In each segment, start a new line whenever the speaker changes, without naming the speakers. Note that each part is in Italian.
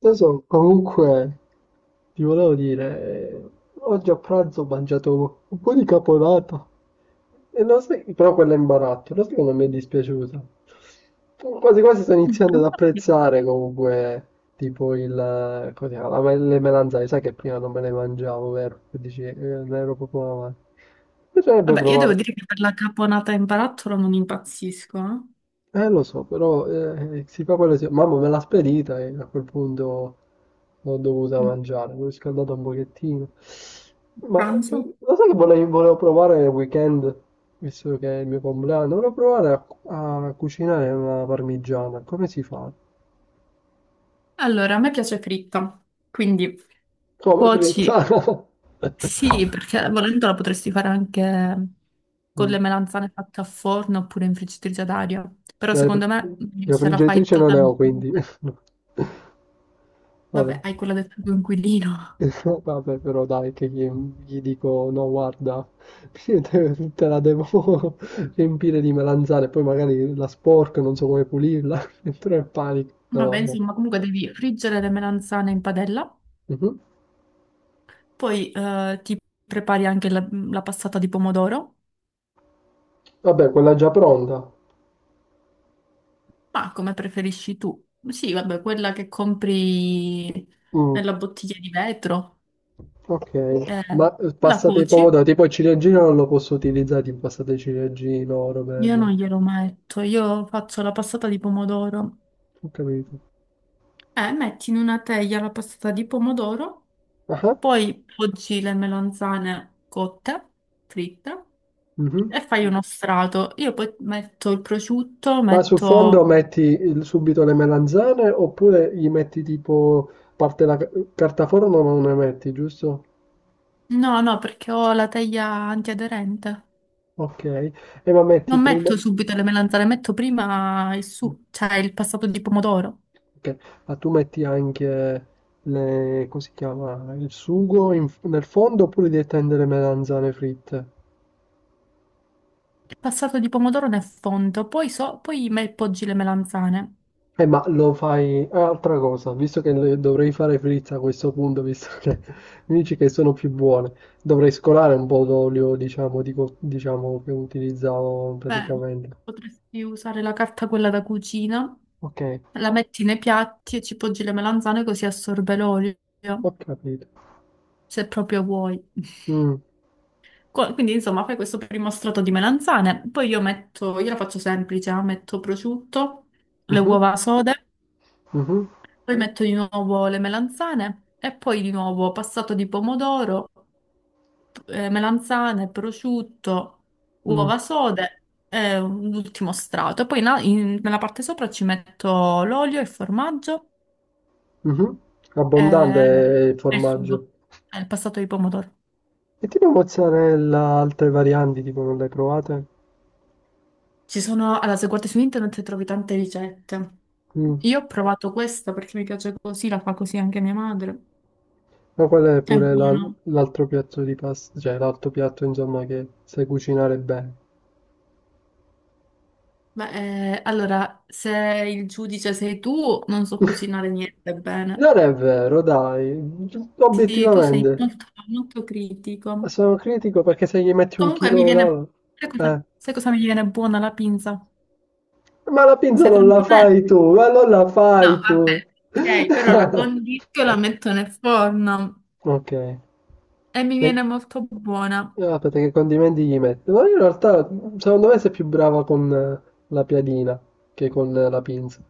Adesso comunque ti volevo dire, eh, oggi a pranzo ho mangiato un po' di caponata, e lo sai, però quella in barattolo, lo sai che non mi è dispiaciuta. Quasi quasi sto iniziando ad apprezzare comunque tipo come si chiama, le melanzane, sai che prima non me le mangiavo, vero? Che dici, non ero proprio una mano. Bisognerebbe
Vabbè, io devo
provare,
dire che per la caponata in barattolo non impazzisco.
lo so, però si fa quello che si... Mamma me l'ha spedita e a quel punto... L'ho dovuta
Eh.
mangiare, l'ho riscaldata un pochettino.
Pranzo?
Lo sai che volevo provare nel weekend, visto che è il mio compleanno, volevo provare a cucinare una parmigiana. Come si fa?
Allora, a me piace fritta, quindi
Come fritta?
cuoci, sì, perché volendo la potresti fare anche con
Mm.
le melanzane fatte a forno oppure in friggitrice ad aria. Però
La,
secondo me
la
se la fai
friggitrice non ne ho, quindi...
totalmente...
Vabbè.
Vabbè, hai quella del tuo inquilino.
Vabbè però dai che gli dico no guarda, te la devo riempire di melanzane, poi magari la sporco, non so come pulirla, entro nel panico. No,
Vabbè,
no.
insomma, comunque devi friggere le melanzane in padella,
Mhm.
poi ti prepari anche la passata di pomodoro.
Vabbè, quella è già pronta.
Ma come preferisci tu? Sì, vabbè, quella che compri
Mm,
nella bottiglia di vetro,
ok,
eh,
ma
la
passate i
cuoci.
pomodori, tipo il ciliegino non lo posso utilizzare, tipo passate il ciliegino, roba del
Io non
genere.
glielo metto, io faccio la passata di pomodoro.
Ho capito.
Metti in una teglia la passata di pomodoro,
Ah, ah.
poi poggi le melanzane cotte, fritte,
Mhm.
e fai uno strato. Io poi metto il prosciutto,
Ma sul fondo
metto...
metti il subito le melanzane oppure gli metti tipo parte la ca- carta forno non ne metti, giusto?
No, no, perché ho la teglia antiaderente.
Ok. E ma metti
Non
prima
metto
ok.
subito le melanzane, metto prima il su, cioè il passato di pomodoro.
Ma tu metti anche le, come si chiama, nel fondo oppure devi tendere melanzane fritte?
Il passato di pomodoro nel fondo, poi, so, poi me- poggi le melanzane.
Ma lo fai... ah, altra cosa, visto che dovrei fare frizza a questo punto, visto che mi dici che sono più buone, dovrei scolare un po' d'olio, diciamo, diciamo, che utilizzavo
Beh,
praticamente.
potresti usare la carta quella da cucina,
Ok,
la metti nei piatti e ci poggi le melanzane così assorbe l'olio,
ho capito.
se proprio vuoi.
Mm,
Co- Quindi insomma fai questo primo strato di melanzane, poi io metto, io la faccio semplice, metto prosciutto, le
mhm,
uova sode.
mhm,
Poi metto di nuovo le melanzane e poi di nuovo passato di pomodoro, melanzane, prosciutto,
mm,
uova sode e un ultimo strato. E poi na- in- nella parte sopra ci metto l'olio, il formaggio
mhm. Abbondante
e,
il
e il
formaggio.
sugo, e il passato di pomodoro.
E tipo mozzarella, altre varianti, tipo non le hai provate?
Ci sono, allora, se guardi su internet trovi tante ricette.
Mm.
Io ho provato questa perché mi piace così, la fa così anche mia madre.
Ma quello è
È
pure la-
buono.
l'altro piatto di pasta, cioè l'altro piatto insomma che sai cucinare bene.
Beh, allora, se il giudice sei tu, non so cucinare niente bene.
Non è vero, dai,
Sì, tu sei
obiettivamente.
molto, molto critico.
Sono critico perché se gli metti un
Comunque mi
chilo
viene...
là- eh.
sai cosa mi viene buona la pinza?
Ma la pinza non
Secondo
la
me...
fai tu, ma non la
No,
fai
vabbè,
tu.
ok, però la condisco e la metto nel forno
Ok.
e mi viene molto buona.
Ah, aspetta, che condimenti gli metto? Ma io in realtà, secondo me, sei più brava con la piadina che con la pinza.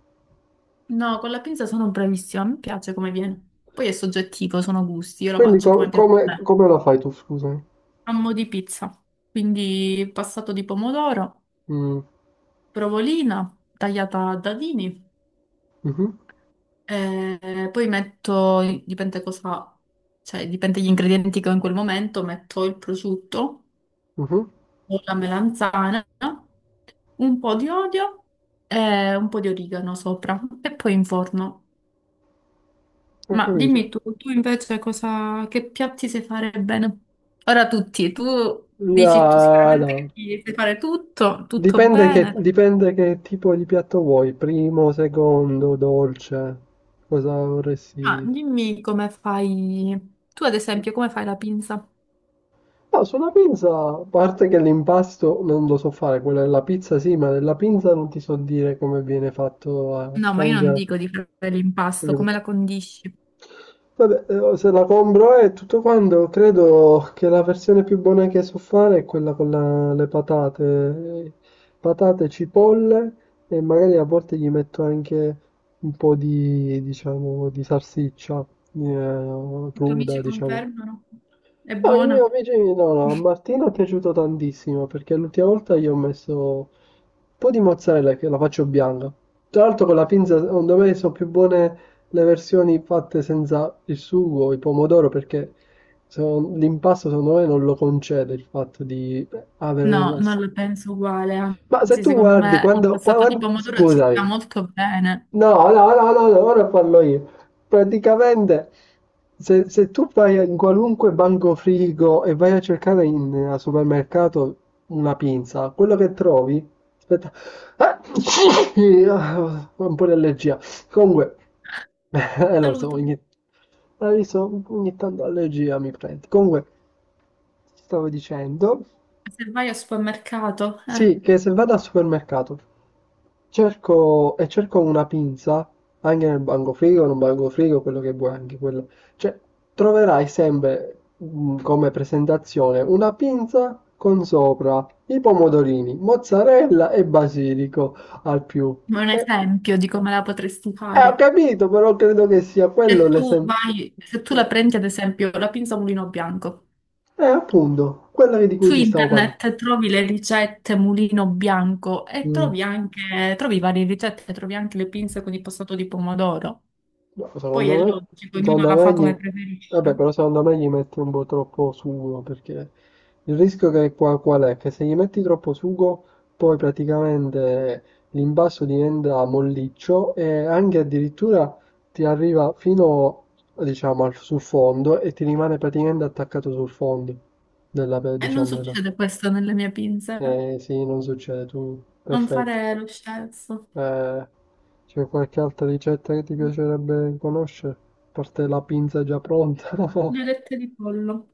No, con la pinza sono bravissima, mi piace come viene. Poi è soggettivo, sono gusti, io lo
Quindi
faccio come piace a
come,
me.
come la fai tu, scusami?
Amo di pizza, quindi passato di pomodoro.
Mm.
Provolina tagliata a dadini,
Mhm.
e poi metto, dipende cosa, cioè dipende gli ingredienti che ho in quel momento, metto il prosciutto
Mhm.
o la melanzana, un po' di olio e un po' di origano sopra e poi in forno.
Ho
Ma
capito.
dimmi tu, tu invece cosa, che piatti sai fare bene? Ora tutti, tu dici tu
No,
sicuramente
no.
che ti sai fare tutto, tutto
Dipende che,
bene.
dipende che tipo di piatto vuoi, primo, secondo, dolce, cosa
Ma
vorresti...
dimmi come fai, tu ad esempio, come fai la pinza?
No, sulla pizza, a parte che l'impasto non lo so fare, quella della pizza sì, ma della pizza non ti so dire come viene fatto
No, ma io non
anche...
dico di fare l'impasto, come la condisci?
Vabbè, se la compro e tutto quanto, credo che la versione più buona che so fare è quella con le patate, cipolle e magari a volte gli metto anche un po' di, diciamo, di salsiccia
I tuoi
cruda,
amici
diciamo.
confermano? È
No, io
buona?
invece no, no, a Martino è piaciuto tantissimo perché l'ultima volta gli ho messo un po' di mozzarella che la faccio bianca. Tra l'altro con la pinza, secondo me, sono più buone le versioni fatte senza il sugo, il pomodoro, perché l'impasto secondo me non lo concede il fatto di avere...
No, non lo penso uguale,
Ma se
anzi,
tu
secondo
guardi,
me il
quando,
passato di pomodoro ci sta
scusami,
molto bene.
no, no, no, no, no, ora parlo io. Praticamente, se tu vai in qualunque banco frigo e vai a cercare al supermercato una pinza, quello che trovi, aspetta, ah, ah, un po' di allergia. Comunque, lo so,
Salute.
hai visto? Ogni tanto allergia mi prende. Comunque, ti stavo dicendo,
Se vai al supermercato, eh.
sì, che se vado al supermercato cerco e cerco una pinza anche nel bancofrigo, non bancofrigo, quello che vuoi, anche quello. Cioè, troverai sempre, come presentazione, una pinza con sopra i pomodorini, mozzarella e basilico al più.
È un
Eh,
esempio di come la potresti
ho
fare.
capito, però credo che sia
Se
quello
tu
l'esempio.
vai, se tu la prendi ad esempio la pinza a mulino bianco,
Appunto, quello di cui
su
ti stavo parlando.
internet trovi le ricette mulino bianco e
Mm.
trovi anche, trovi varie ricette, trovi anche le pinze con il passato di pomodoro.
No,
Poi è
secondo me,
logico, ognuno la fa
gli...
come preferisce.
Vabbè, però secondo me gli metti un po' troppo sugo, perché il rischio che qual è? Che se gli metti troppo sugo, poi praticamente l'imbasso diventa molliccio e anche addirittura ti arriva fino, diciamo, sul fondo e ti rimane praticamente attaccato sul fondo della,
E non
diciamo, della...
succede questo nelle mie pinze.
Eh sì, non succede, tu...
Non
Perfetto.
fare lo scelto.
Eh, c'è qualche altra ricetta che ti piacerebbe conoscere? A parte la pinza già pronta.
Le alette di pollo.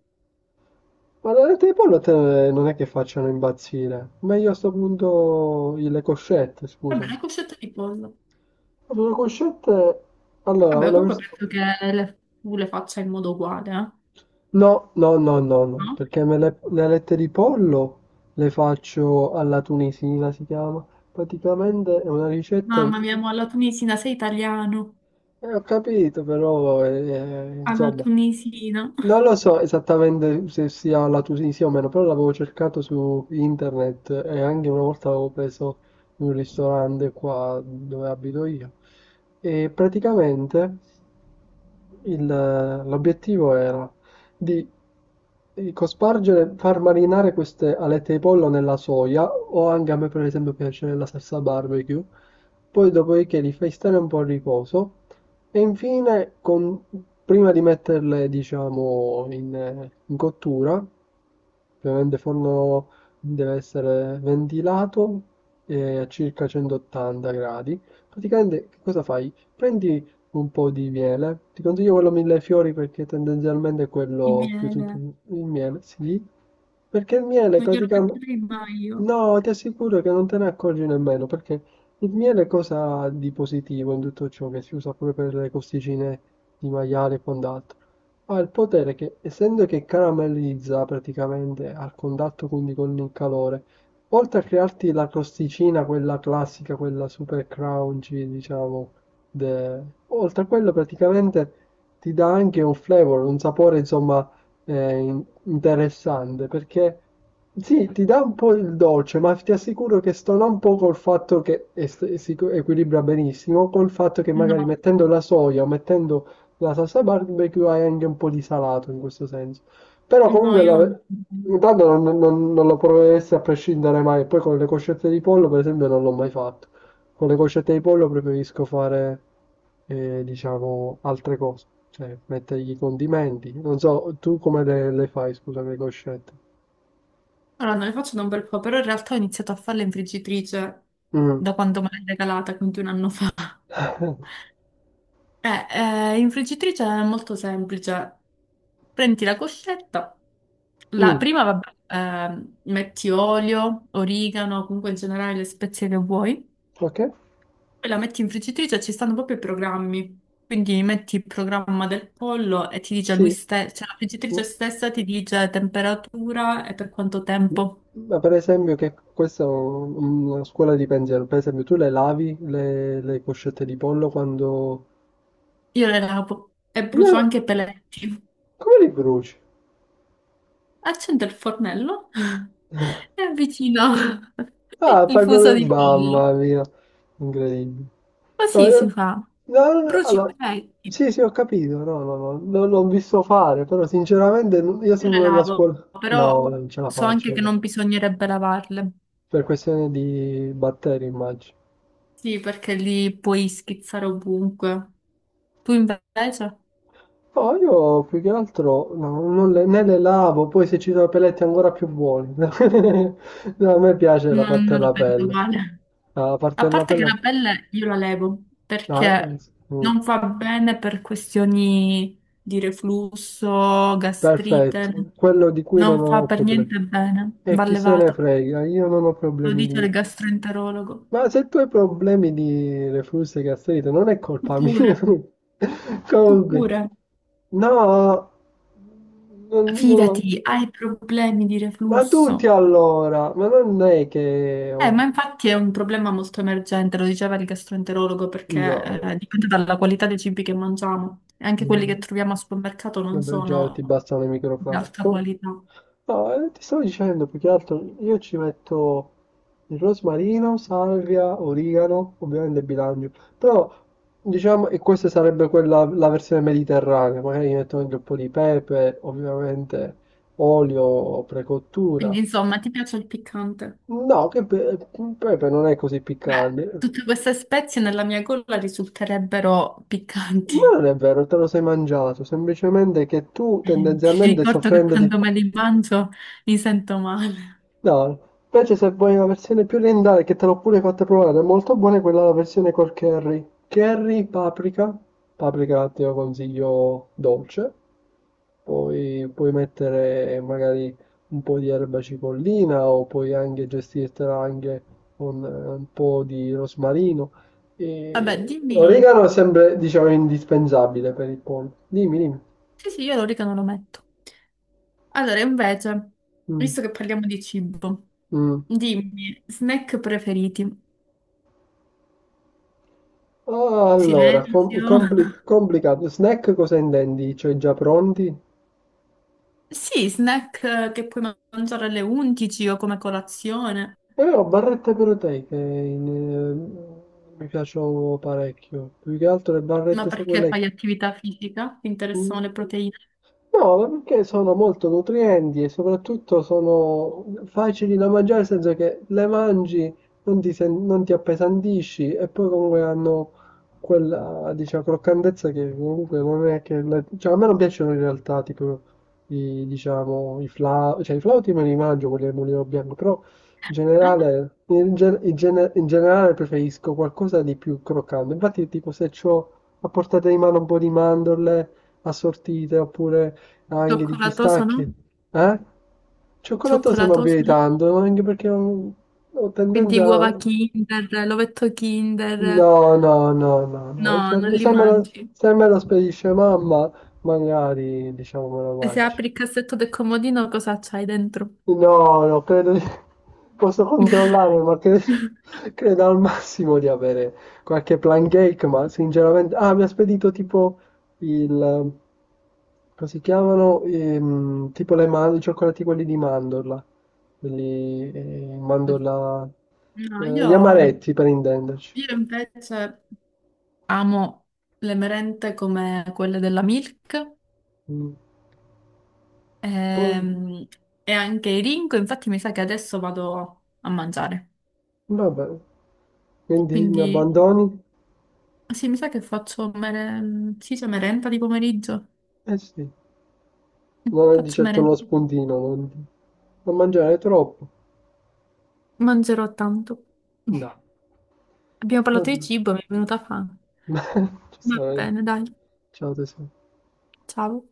Ma le alette di pollo a te non è che facciano imbazzire. Meglio a sto punto le coscette,
Vabbè,
scusami.
le coscette di pollo.
Allora, le coscette... Allora,
Vabbè, comunque penso che le- tu le faccia in modo uguale, eh?
no, no, no, no, no,
No?
perché le alette di pollo le faccio alla tunisina, si chiama. Praticamente è una ricetta...
Mamma mia, mo alla tunisina sei italiano.
ho capito, però,
Alla
insomma...
tunisina.
Non lo so esattamente se sia la Tunisia o meno, però l'avevo cercato su internet e anche una volta l'avevo preso in un ristorante qua dove abito io. E praticamente il- l'obiettivo era di cospargere, far marinare queste alette di pollo nella soia o anche a me per esempio piace la salsa barbecue, poi dopodiché li fai stare un po' a riposo e infine, prima di metterle, diciamo, in cottura, ovviamente il forno deve essere ventilato a circa 180 gradi. Praticamente che cosa fai? Prendi un po' di miele, ti consiglio quello mille fiori perché tendenzialmente è
Il
quello più tutto
miele.
il miele, sì, perché il miele
Non glielo
praticamente...
metterei mai io.
No, ti assicuro che non te ne accorgi nemmeno perché il miele cosa ha di positivo in tutto ciò che si usa pure per le costicine di maiale e quant'altro? Ha il potere che, essendo che caramellizza praticamente al contatto quindi con il calore, oltre a crearti la crosticina, quella classica, quella super crunchy, diciamo, de- oltre a quello praticamente ti dà anche un flavor, un sapore insomma interessante, perché sì, ti dà un po' il dolce, ma ti assicuro che stona un po' col fatto che equilibra benissimo, col fatto che magari
No,
mettendo la soia o mettendo la salsa barbecue hai anche un po' di salato in questo senso. Però
no,
comunque
io non.
intanto non lo proveresti a prescindere mai. Poi con le coscette di pollo, per esempio, non l'ho mai fatto. Con le coscette di pollo preferisco fare, diciamo, altre cose, cioè mettergli i condimenti. Non so, tu come le fai, scusami, le coscette?
Allora, non le faccio da un bel po', però in realtà ho iniziato a farle in friggitrice
Mm.
da quando me l'hai regalata, quindi un anno fa. In friggitrice è molto semplice. Prendi la coscetta, la
Mm,
prima, vabbè, metti olio, origano, comunque in generale le spezie che vuoi,
ok,
poi la metti in friggitrice, ci stanno proprio i programmi. Quindi metti il programma del pollo e ti dice lui
sì,
stesso, cioè la
mm,
friggitrice stessa ti dice temperatura e per quanto
mm.
tempo.
Ma per esempio che questa è una scuola di pensiero, per esempio tu le lavi le coscette di pollo quando...
Io le lavo e brucio
No,
anche i peletti.
come li bruci?
Accende il fornello e avvicina
Ah,
il
fai
fuso
proprio...
di pollo.
Mamma mia, incredibile. No,
Così si fa.
no, no, no,
Bruci i
allora,
pezzi.
sì, sì, ho capito, no, no, no, non l'ho visto fare, però sinceramente io
Io le
sono nella
lavo,
scuola...
però
No, non ce la
so anche
faccio,
che non bisognerebbe lavarle.
per questione di batteri, immagino.
Sì, perché li puoi schizzare ovunque. Tu invece?
No, io più che altro no, non le, né le lavo, poi se ci sono peletti ancora più buoni. No, a me piace la
Non,
parte
non la
della
penso
pelle.
uguale.
La
A
parte della
parte che
pelle...
la pelle io la levo
no,
perché
sì. Mm.
non va bene per questioni di reflusso, gastrite,
Perfetto, quello di cui non
non fa
ho
per
problemi.
niente bene,
E
va
chi se ne
levata.
frega, io non ho
Lo
problemi
dice
di...
il gastroenterologo.
Ma se tu hai problemi di reflusso e gastrite, non è
Tu
colpa
pure,
mia.
tu
Comunque,
pure,
no, non ho-
fidati, hai problemi di
ma
reflusso.
tutti allora, ma non è che
Ma
oh,
infatti è un problema molto emergente, lo diceva il gastroenterologo,
io...
perché dipende dalla qualità dei cibi che mangiamo. E anche quelli che
mm,
troviamo al supermercato non
vabbè, già ti
sono
bastano le
di
microplastiche.
alta
Oh,
qualità.
no, ti stavo dicendo, più che altro, io ci metto il rosmarino, salvia, origano, ovviamente bilancio. Però, diciamo, e questa sarebbe quella, la versione mediterranea. Magari gli metto anche un po' di pepe, ovviamente olio,
Quindi,
precottura.
insomma, ti piace il piccante?
No, che pepe non è così
Beh,
piccante.
tutte queste spezie nella mia gola risulterebbero
Ma
piccanti.
non è vero, te lo sei mangiato, semplicemente che tu
Ti
tendenzialmente
ricordo che
soffrendo di...
quando me li mangio mi sento male.
No, invece se vuoi una versione più orientale che te l'ho pure fatta provare, è molto buona quella la versione col curry. Curry, paprika, paprika te lo consiglio dolce, poi puoi mettere magari un po' di erba cipollina o puoi anche gestirtela anche con un po' di rosmarino.
Vabbè,
E...
dimmi.
l'origano è sempre, diciamo, indispensabile per il pollo. Dimmi, dimmi.
Sì, sì, io l'origano lo metto. Allora, invece,
Mm.
visto che parliamo di cibo,
Mm.
dimmi, snack preferiti?
Ah, allora,
Silenzio.
complicato. Snack cosa intendi? Cioè già pronti?
Sì, snack che puoi mangiare alle 11 o come colazione,
Ho barrette proteiche, mi piacciono parecchio. Più che altro le
ma
barrette, sai
perché
quelle che...
fai attività fisica? Ti interessano
Mm.
le proteine?
No, ma perché sono molto nutrienti e soprattutto sono facili da mangiare, nel senso che le mangi, non ti appesantisci e poi comunque hanno quella, diciamo, croccantezza che comunque non è che... cioè, a me non piacciono in realtà, tipo, diciamo, i flauti, cioè i flauti me li mangio, quelli del mulino bianco, però in generale, in generale preferisco qualcosa di più croccante. Infatti, tipo, se ho a portata di mano un po' di mandorle assortite oppure anche di
Cioccolatoso,
pistacchi?
no?
Eh? Cioccolato sto non più
Cioccolatoso,
di
no?
tanto, anche perché ho
Quindi
tendenza...
uova Kinder, l'ovetto Kinder.
No, no, no, no,
No,
no. Se,
non li
se me lo,
mangi.
se me lo spedisce mamma, magari, diciamo, me lo
E se
mangio.
apri il cassetto del comodino, cosa c'hai dentro?
No, no, credo di... posso controllare, ma credo, al massimo di avere qualche plan cake, ma sinceramente... Ah, mi ha spedito tipo il... Come si chiamano? Tipo i cioccolati quelli di mandorla, quelli mandorla...
No,
gli amaretti per intenderci.
io invece amo le merende come quelle della Milk,
Mm. Poi,
ehm, e anche i Ringo, infatti mi sa che adesso vado a mangiare.
vabbè, quindi mi
Quindi
abbandoni?
sì, mi sa che faccio mere- sì, c'è merenda di pomeriggio.
Eh sì, non è di
Faccio
certo uno
merenda.
spuntino, non mangiare troppo.
Mangerò tanto.
No.
Abbiamo parlato
Vabbè,
di cibo, mi è venuta fame. Va
giustamente.
bene, dai.
Ciao tesoro.
Ciao.